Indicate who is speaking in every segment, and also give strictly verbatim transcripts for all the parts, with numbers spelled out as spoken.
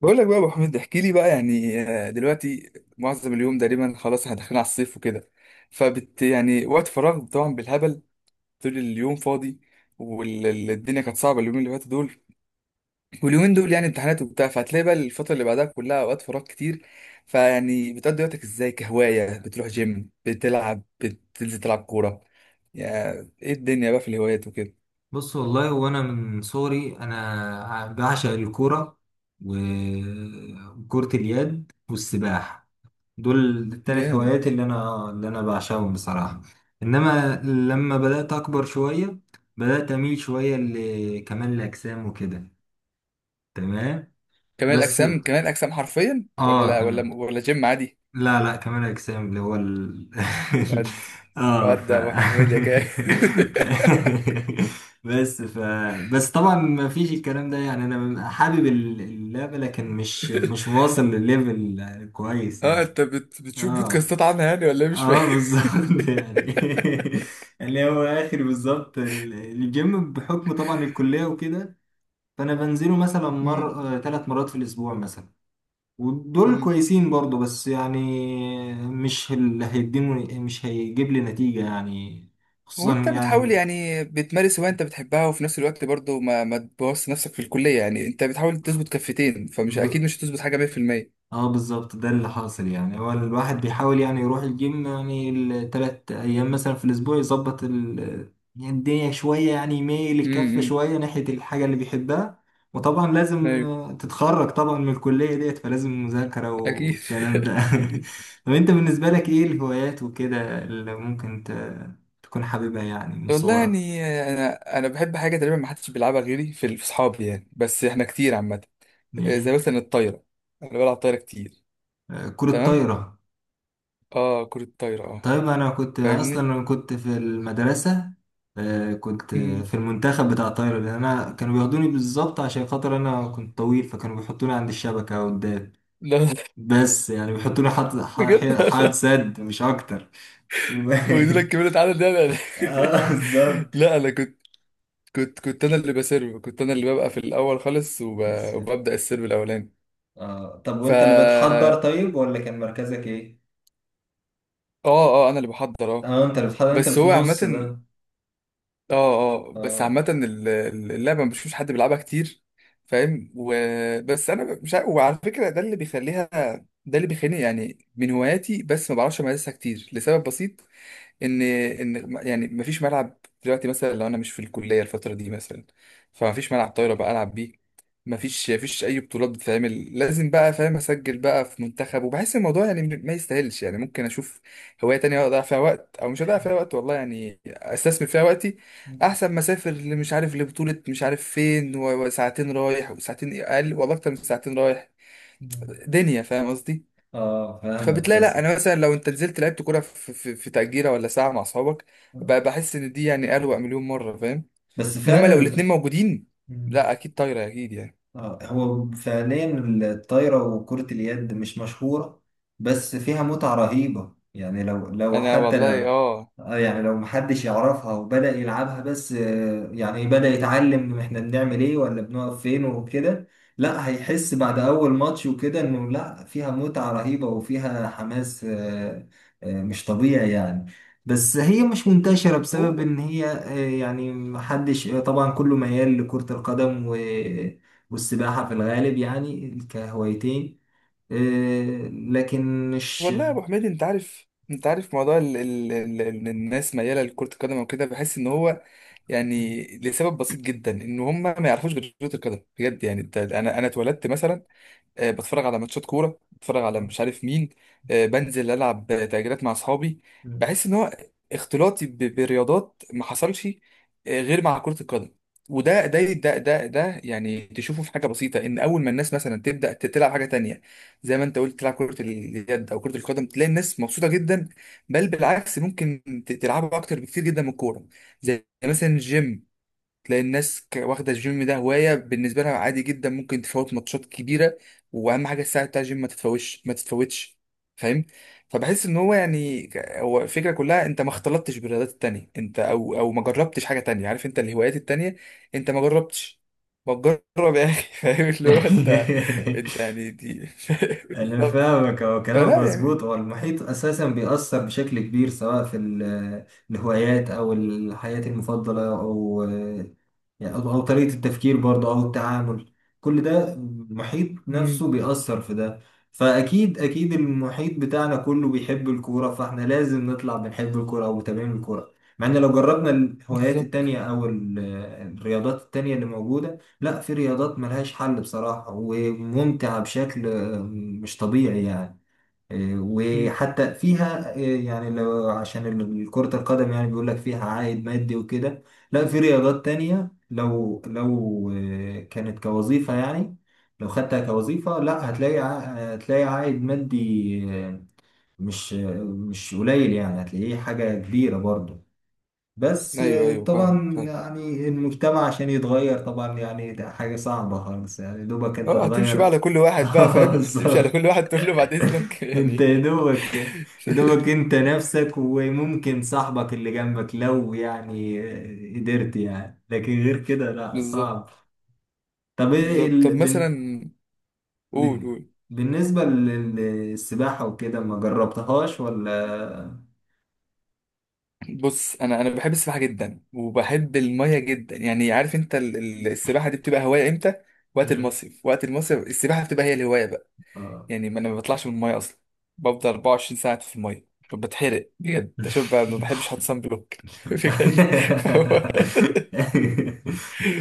Speaker 1: بقول لك بقى يا ابو حميد، احكي لي بقى يعني آه، دلوقتي معظم اليوم تقريبا خلاص احنا داخلين على الصيف وكده، فبت يعني وقت فراغ طبعا بالهبل، طول اليوم فاضي. والدنيا كانت صعبه اليومين اللي فاتوا دول، واليومين دول يعني امتحانات وبتاع. فهتلاقي بقى الفتره اللي بعدها كلها اوقات فراغ كتير. فيعني بتقضي وقتك ازاي؟ كهوايه بتروح جيم، بتلعب، بتنزل تلعب كوره؟ يعني ايه الدنيا بقى في الهوايات وكده؟
Speaker 2: بص والله، وانا من صغري انا بعشق الكوره و- وكرة اليد والسباحه. دول الثلاث
Speaker 1: جامد.
Speaker 2: هوايات اللي انا اللي انا بعشقهم بصراحه. انما لما بدات اكبر شويه، بدات اميل شويه لكمال الاجسام وكده. تمام.
Speaker 1: كمال
Speaker 2: بس
Speaker 1: الاجسام كمال الاجسام حرفيا
Speaker 2: اه
Speaker 1: ولا ولا
Speaker 2: كمان.
Speaker 1: ولا جيم عادي؟
Speaker 2: لا لا كمال أجسام اللي هو ال... اه ف
Speaker 1: ودي يا ابو حميد يا كده
Speaker 2: بس ف بس طبعا ما فيش الكلام ده، يعني انا ببقى حابب ال- اللعبة، لكن مش مش واصل لليفل كويس
Speaker 1: اه،
Speaker 2: يعني.
Speaker 1: انت بت... بتشوف
Speaker 2: اه
Speaker 1: بودكاستات عنها يعني ولا إيه؟ مش فاهم.
Speaker 2: اه بالظبط يعني اللي هو اخر بالظبط ال- الجيم بحكم طبعا الكلية وكده. فانا بنزله مثلا
Speaker 1: مم.
Speaker 2: مر ثلاث مرات في الاسبوع مثلا. ودول
Speaker 1: مم.
Speaker 2: كويسين برضو، بس يعني مش اللي هيديني، مش هيجيب لي نتيجة يعني. خصوصا
Speaker 1: وانت بتحاول
Speaker 2: يعني.
Speaker 1: يعني بتمارس هواية انت بتحبها، وفي نفس الوقت برضو ما ما تبوظ نفسك في الكلية، يعني انت بتحاول تظبط كفتين، فمش اكيد مش هتظبط حاجة مائة في المئة.
Speaker 2: اه بالظبط، ده اللي حاصل، يعني هو الواحد بيحاول يعني يروح الجيم يعني التلات ايام مثلا في الاسبوع يظبط ال، يعني الدنيا شوية، يعني يميل الكفة
Speaker 1: مم.
Speaker 2: شوية ناحية الحاجة اللي بيحبها. وطبعا لازم
Speaker 1: ايوه
Speaker 2: تتخرج طبعا من الكلية ديت، فلازم مذاكرة
Speaker 1: اكيد
Speaker 2: والكلام ده
Speaker 1: أكيد.
Speaker 2: طب انت بالنسبة لك ايه الهوايات وكده اللي ممكن ت- تكون حاببها يعني من
Speaker 1: والله
Speaker 2: صغرك؟
Speaker 1: يعني انا انا بحب حاجة تقريبا ما حدش بيلعبها غيري في في اصحابي يعني، بس احنا كتير عامة. آه، زي
Speaker 2: ايه.
Speaker 1: مثلا الطايرة. انا بلعب طايرة كتير.
Speaker 2: آه، كرة
Speaker 1: تمام.
Speaker 2: طايرة.
Speaker 1: اه، كرة الطايرة، اه.
Speaker 2: طيب انا كنت اصلا
Speaker 1: فاهمني.
Speaker 2: انا كنت في المدرسه. آه، كنت في المنتخب بتاع الطايره، لان انا كانوا بياخدوني بالظبط عشان خاطر انا كنت طويل، فكانوا بيحطوني عند الشبكه قدام.
Speaker 1: لا، لا،
Speaker 2: بس يعني بيحطوني حد
Speaker 1: بجد
Speaker 2: ح- حد
Speaker 1: انا.
Speaker 2: سد مش اكتر. و-
Speaker 1: واخدين لك كمية عدد ده؟ لا، لا،
Speaker 2: اه بالظبط.
Speaker 1: لا، انا كنت. كنت كنت انا اللي بسيرف، كنت انا اللي ببقى في الاول خالص وب...
Speaker 2: بس-
Speaker 1: وببدا السيرف الاولاني.
Speaker 2: اه، طب
Speaker 1: فا
Speaker 2: وانت اللي بتحضر،
Speaker 1: اه،
Speaker 2: طيب، ولا كان مركزك ايه؟
Speaker 1: اه، انا اللي بحضر، اه.
Speaker 2: اه، انت اللي بتحضر، انت اللي
Speaker 1: بس
Speaker 2: في
Speaker 1: هو عامه،
Speaker 2: النص ده.
Speaker 1: اه. اه، بس
Speaker 2: اه
Speaker 1: عامه ال- ال- اللعبه ما بشوفش حد بيلعبها كتير، فاهم؟ وبس انا مش عارف، وعلى فكره ده اللي بيخليها، ده اللي بيخليني يعني من هواياتي. بس ما بعرفش امارسها كتير لسبب بسيط، ان ان يعني مفيش ملعب. دلوقتي مثلا لو انا مش في الكليه الفتره دي مثلا، فمفيش ملعب طايره بقى العب بيه. مفيش مفيش اي بطولات بتتعمل، لازم بقى، فاهم، اسجل بقى في منتخب، وبحس الموضوع يعني م- ما يستاهلش، يعني ممكن اشوف هوايه تانية اضيع فيها وقت، او مش هضيع فيها وقت والله، يعني استثمر فيها وقتي، احسن ما اسافر اللي مش عارف لبطوله مش عارف فين، و- وساعتين رايح وساعتين اقل، والله اكتر من ساعتين رايح، دنيا، فاهم قصدي؟
Speaker 2: اه فاهمك،
Speaker 1: فبتلاقي لا
Speaker 2: بس.
Speaker 1: انا مثلا لو انت نزلت لعبت كوره في, في, في تأجيرة ولا ساعه مع اصحابك، ب-
Speaker 2: آه.
Speaker 1: بحس ان دي يعني اروق مليون مره، فاهم؟
Speaker 2: بس
Speaker 1: انما
Speaker 2: فعلا.
Speaker 1: لو الاتنين موجودين، لا اكيد طايره اكيد يعني.
Speaker 2: آه، هو فعليا الطايرة وكرة اليد مش مشهورة، بس فيها متعة رهيبة يعني لو لو
Speaker 1: انا
Speaker 2: حتى
Speaker 1: والله
Speaker 2: لو،
Speaker 1: اه.
Speaker 2: آه، يعني لو محدش يعرفها وبدأ يلعبها بس، آه، يعني بدأ يتعلم احنا بنعمل ايه ولا بنقف فين وكده. لا، هيحس بعد
Speaker 1: مم.
Speaker 2: أول ماتش وكده انه لا، فيها متعة رهيبة وفيها حماس، آه، آه، مش طبيعي يعني. بس هي مش منتشرة بسبب
Speaker 1: و-
Speaker 2: ان هي، آه، يعني محدش، آه، طبعا كله ميال لكرة القدم و والسباحة في الغالب يعني كهوايتين. آه، لكن مش
Speaker 1: والله يا ابو حميد، انت عارف انت عارف موضوع ال ال ال ال الناس مياله لكره القدم وكده، بحس ان هو يعني لسبب بسيط جدا ان هم ما يعرفوش غير كره القدم بجد. يعني انت، انا انا اتولدت مثلا، آه، بتفرج على ماتشات كوره، بتفرج على
Speaker 2: آه.
Speaker 1: مش عارف مين، آه، بنزل العب تأجيرات مع اصحابي. بحس ان هو اختلاطي ب- برياضات ما حصلش آه، غير مع كره القدم. وده ده ده ده ده يعني تشوفه في حاجه بسيطه، ان اول ما الناس مثلا تبدا ت- تلعب حاجه تانية، زي ما انت قلت، تلعب كره اليد او كره القدم، تلاقي الناس مبسوطه جدا، بل بالعكس ممكن ت- تلعبوا اكتر بكتير جدا من الكوره. زي مثلا الجيم، تلاقي الناس ك- واخده الجيم ده هوايه بالنسبه لها عادي جدا، ممكن تفوت ماتشات كبيره، واهم حاجه الساعه بتاع الجيم ما تتفوتش ما تتفوتش، فاهم؟ فبحس ان هو يعني ك- هو الفكره كلها، انت ما اختلطتش بالرياضات التانية، انت او او ما جربتش حاجه تانية، عارف انت الهوايات التانية انت ما جربتش. ما تجرب يا اخي فاهم اللي هو انت، انت يعني دي
Speaker 2: انا
Speaker 1: بالظبط.
Speaker 2: فاهمك. هو كلامك
Speaker 1: فلا يعني.
Speaker 2: مظبوط. هو المحيط اساسا بيأثر بشكل كبير سواء في ال- الهوايات او الحياة المفضلة او يعني أو أو طريقة التفكير برضه أو التعامل. كل ده المحيط نفسه
Speaker 1: امم.
Speaker 2: بيأثر في ده. فأكيد أكيد المحيط بتاعنا كله بيحب الكورة، فإحنا لازم نطلع بنحب الكورة أو متابعين الكورة. مع إن لو جربنا الهوايات
Speaker 1: بالظبط.
Speaker 2: التانية أو ال- الرياضات التانية اللي موجودة، لا، في رياضات ملهاش حل بصراحة وممتعة بشكل، آه، مش طبيعي يعني. آه،
Speaker 1: امم.
Speaker 2: وحتى فيها، آه، يعني لو عشان ال- كرة القدم يعني بيقول لك فيها عائد مادي وكده، لا، في رياضات تانية لو لو آه، كانت كوظيفة، يعني لو خدتها كوظيفة، لا، هتلاقي ع- هتلاقي عائد مادي، آه، مش آه، مش قليل يعني، هتلاقيه حاجة كبيرة برضه. بس،
Speaker 1: ايوه،
Speaker 2: آه،
Speaker 1: ايوه، فاهم،
Speaker 2: طبعا
Speaker 1: فاهم.
Speaker 2: يعني المجتمع عشان يتغير طبعا يعني ده حاجة صعبة خالص، يعني دوبك انت
Speaker 1: اه هتمشي بقى
Speaker 2: تغير.
Speaker 1: على كل واحد بقى، فاهم هتمشي على
Speaker 2: بالظبط.
Speaker 1: كل واحد تقول له بعد اذنك
Speaker 2: انت
Speaker 1: يعني.
Speaker 2: يا دوبك، يا دوبك انت نفسك وممكن صاحبك اللي جنبك لو يعني قدرت، يعني لكن غير كده لا،
Speaker 1: بالظبط.
Speaker 2: صعب. طب ايه
Speaker 1: بالظبط. طب
Speaker 2: ال... بن...
Speaker 1: مثلا قول
Speaker 2: بن...
Speaker 1: قول.
Speaker 2: بالنسبة لل- للسباحة وكده، ما جربتهاش ولا؟
Speaker 1: بص، انا انا بحب السباحه جدا وبحب الميه جدا، يعني عارف انت ال- ال- السباحه دي بتبقى هوايه امتى؟ وقت
Speaker 2: مم.
Speaker 1: المصيف، وقت المصيف السباحه بتبقى هي الهوايه بقى.
Speaker 2: اه.
Speaker 1: يعني ما انا ما بطلعش من الميه اصلا، بفضل أربعة وعشرين ساعه في الميه ب- بتحرق بجد عشان ب- ما بحبش احط صن بلوك بجد، فهو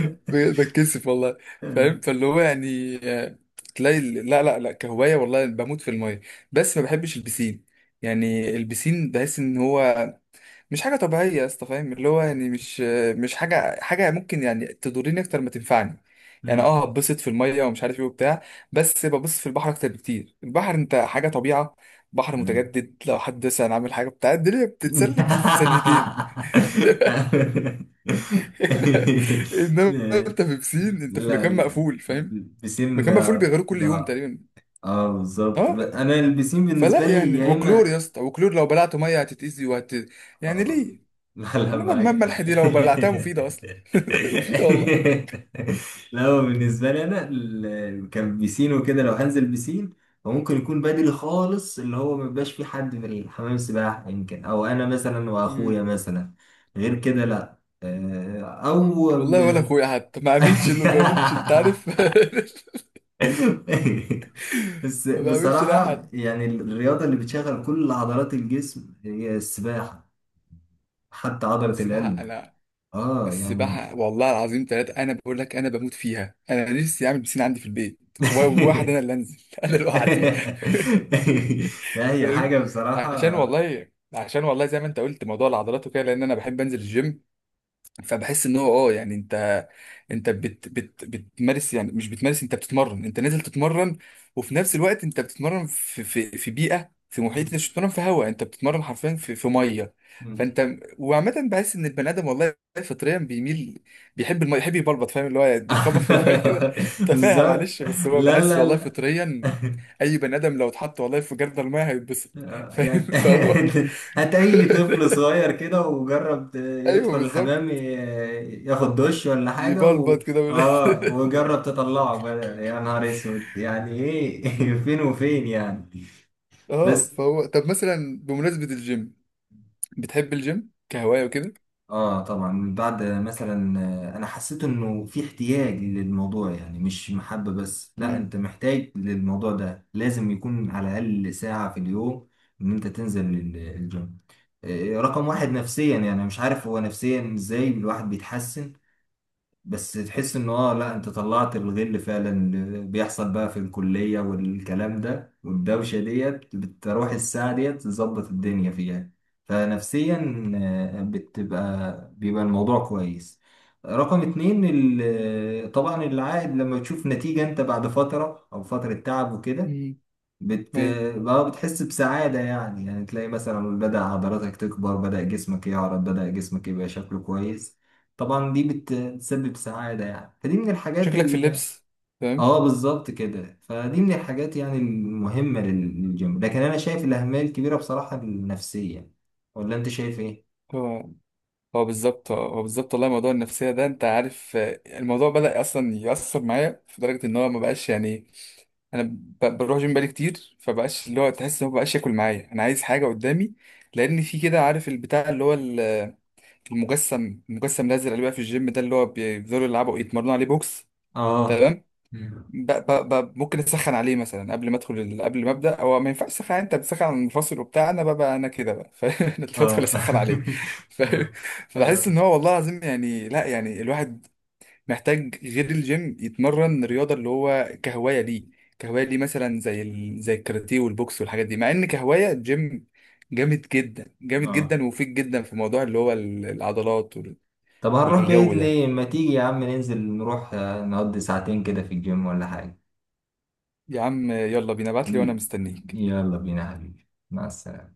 Speaker 1: ب- بتكسف والله، فاهم؟ فاللي هو يعني آه، تلاقي ال- لا، لا، لا، كهواية والله بموت في المية. بس ما بحبش البسين، يعني البسين بحس ان هو مش حاجة طبيعية يا اسطى، فاهم اللي هو يعني مش آه، مش حاجة حاجة ممكن يعني تضرني اكتر ما تنفعني، يعني
Speaker 2: مم.
Speaker 1: اه هتبسط في المية ومش عارف ايه وبتاع، بس ببص في البحر اكتر بكتير، البحر انت حاجة طبيعة، بحر
Speaker 2: مم.
Speaker 1: متجدد، لو حد مثلا عامل حاجة بتاع الدنيا بتتسلك في
Speaker 2: لا
Speaker 1: ثانيتين لا، انما انت في بسين، انت في مكان
Speaker 2: لا،
Speaker 1: مقفول، فاهم؟
Speaker 2: البسين
Speaker 1: مكان مقفول
Speaker 2: ده،
Speaker 1: بيغيروه كل
Speaker 2: ز-
Speaker 1: يوم تقريبا.
Speaker 2: اه بالظبط، ب-
Speaker 1: اه،
Speaker 2: انا البسين بالنسبه
Speaker 1: فلا
Speaker 2: لي
Speaker 1: يعني،
Speaker 2: يا
Speaker 1: وكلور يا
Speaker 2: اما،
Speaker 1: اسطى، وكلور لو بلعته ميه هتتأذي وهت، يعني
Speaker 2: اه.
Speaker 1: ليه؟
Speaker 2: لا لا،
Speaker 1: انما دماغ
Speaker 2: معاك
Speaker 1: ملح
Speaker 2: حق.
Speaker 1: دي لو بلعتها مفيده اصلا مفيده والله.
Speaker 2: لا، هو بالنسبة لي أنا ال- كان بيسين وكده، لو هنزل بيسين فممكن يكون بدري خالص، اللي هو ما بيبقاش فيه حد في حمام السباحة، يمكن أو أنا مثلا
Speaker 1: مم.
Speaker 2: وأخويا مثلا. غير كده لا. آه، أو ب...
Speaker 1: والله ولا اخويا حتى ما اعملش، اللي ما بعملش انت عارف
Speaker 2: بس
Speaker 1: ما بعملش لاي
Speaker 2: بصراحة
Speaker 1: حد.
Speaker 2: يعني الرياضة اللي بتشغل كل عضلات الجسم هي السباحة، حتى عضلة
Speaker 1: السباحه
Speaker 2: القلب.
Speaker 1: انا،
Speaker 2: اه يعني.
Speaker 1: السباحه والله العظيم ثلاثه، انا بقول لك انا بموت فيها. انا نفسي اعمل بسين عندي في البيت، و- وواحد انا اللي انزل انا لوحدي
Speaker 2: لا، هي
Speaker 1: فاهم؟
Speaker 2: حاجة
Speaker 1: عشان
Speaker 2: بصراحة.
Speaker 1: والله عشان والله زي ما انت قلت موضوع العضلات وكده، لان انا بحب انزل الجيم، فبحس ان هو اه يعني انت، انت بت بت بتمارس يعني، مش بتمارس، انت بتتمرن، انت نازل تتمرن، وفي نفس الوقت انت بتتمرن في في في بيئه، في محيط، انت مش بتتمرن في هواء، انت بتتمرن حرفيا في في ميه. فانت، وعامه بحس ان البني ادم والله فطريا بيميل، بيحب الميه، يحب يبلبط، فاهم اللي هو يخبط في الميه كده. تفاهه
Speaker 2: بالظبط.
Speaker 1: معلش بس هو
Speaker 2: لا
Speaker 1: بحس
Speaker 2: لا
Speaker 1: والله
Speaker 2: لا،
Speaker 1: فطريا اي بني ادم لو اتحط والله في جردل الميه هيتبسط،
Speaker 2: آه،
Speaker 1: فاهم؟
Speaker 2: يعني.
Speaker 1: فهو
Speaker 2: هات أي طفل صغير كده وجرب ت-
Speaker 1: ايوه
Speaker 2: يدخل
Speaker 1: بالظبط،
Speaker 2: الحمام، ي- ياخد دش ولا حاجة و...
Speaker 1: يبلبط كده
Speaker 2: اه، وجرب تطلعه، بدل، يا نهار اسود، يعني ايه، فين وفين يعني.
Speaker 1: اه،
Speaker 2: بس
Speaker 1: فهو طب مثلا بمناسبة الجيم، بتحب الجيم كهواية وكده.
Speaker 2: اه طبعا بعد مثلا، آه، انا حسيت انه في احتياج للموضوع، يعني مش محبة بس، لا،
Speaker 1: امم.
Speaker 2: انت محتاج للموضوع ده، لازم يكون على الاقل ساعة في اليوم ان انت تنزل ال- الجيم. آه، رقم واحد نفسيا، يعني أنا مش عارف هو نفسيا ازاي الواحد بيتحسن، بس تحس ان اه، لا، انت طلعت الغل فعلا، اللي بيحصل بقى في الكلية والكلام ده والدوشة ديت بتروح الساعة ديت، تظبط الدنيا فيها. فنفسيا، آه، بتبقى بيبقى الموضوع كويس. رقم اتنين ال- آه، طبعا العائد لما تشوف نتيجة انت بعد فترة او فترة تعب وكده،
Speaker 1: امم.
Speaker 2: بت
Speaker 1: ايوه.
Speaker 2: بقى بتحس بسعادة يعني، يعني تلاقي مثلا بدأ عضلاتك تكبر، بدأ جسمك يعرض، بدأ جسمك يبقى شكله كويس. طبعا دي بت- بتسبب سعادة يعني، فدي من الحاجات
Speaker 1: شكلك في
Speaker 2: ال
Speaker 1: اللبس، فاهم؟
Speaker 2: اه بالظبط كده، فدي من الحاجات يعني المهمة لل- للجيم، لكن أنا شايف الأهمية الكبيرة بصراحة النفسية، ولا أنت شايف إيه؟
Speaker 1: هو، هو بالظبط، هو بالظبط، والله موضوع النفسية ده انت عارف، آه، الموضوع بدأ اصلا يأثر معايا في درجة ان هو ما بقاش يعني، انا ب- بروح جيم بقالي كتير، فبقاش اللي هو تحس ان هو بقاش ياكل معايا، انا عايز حاجة قدامي، لان في كده عارف البتاع اللي هو ال- المجسم المجسم الازرق اللي بقى في الجيم ده اللي هو بيفضلوا يلعبوا يتمرنوا عليه بوكس.
Speaker 2: اه
Speaker 1: تمام. ب... ب... ب... ممكن اسخن عليه مثلا قبل ما ادخل ال... قبل ما ابدا. هو ما ينفعش تسخن، انت بتسخن على المنفصل وبتاع، انا بقى انا كده بقى، فاهم انت بدخل
Speaker 2: اه
Speaker 1: اسخن عليه، فاهم؟
Speaker 2: اه
Speaker 1: فبحس ان
Speaker 2: اه
Speaker 1: هو والله العظيم يعني لا، يعني الواحد محتاج غير الجيم يتمرن رياضه اللي هو كهوايه ليه، كهوايه ليه مثلا زي ال... زي الكاراتيه والبوكس والحاجات دي، مع ان كهوايه الجيم جامد جدا جامد
Speaker 2: آه.
Speaker 1: جدا ومفيد جدا في موضوع اللي هو ال- العضلات وال...
Speaker 2: طب هنروح بعيد
Speaker 1: والجو ده.
Speaker 2: ليه؟ ما تيجي يا عم ننزل، نروح، آه، نقضي ساعتين كده في الجيم ولا حاجة.
Speaker 1: يا عم يلا بينا، ابعت لي وانا مستنيك.
Speaker 2: يلا بينا يا حبيبي، مع السلامة.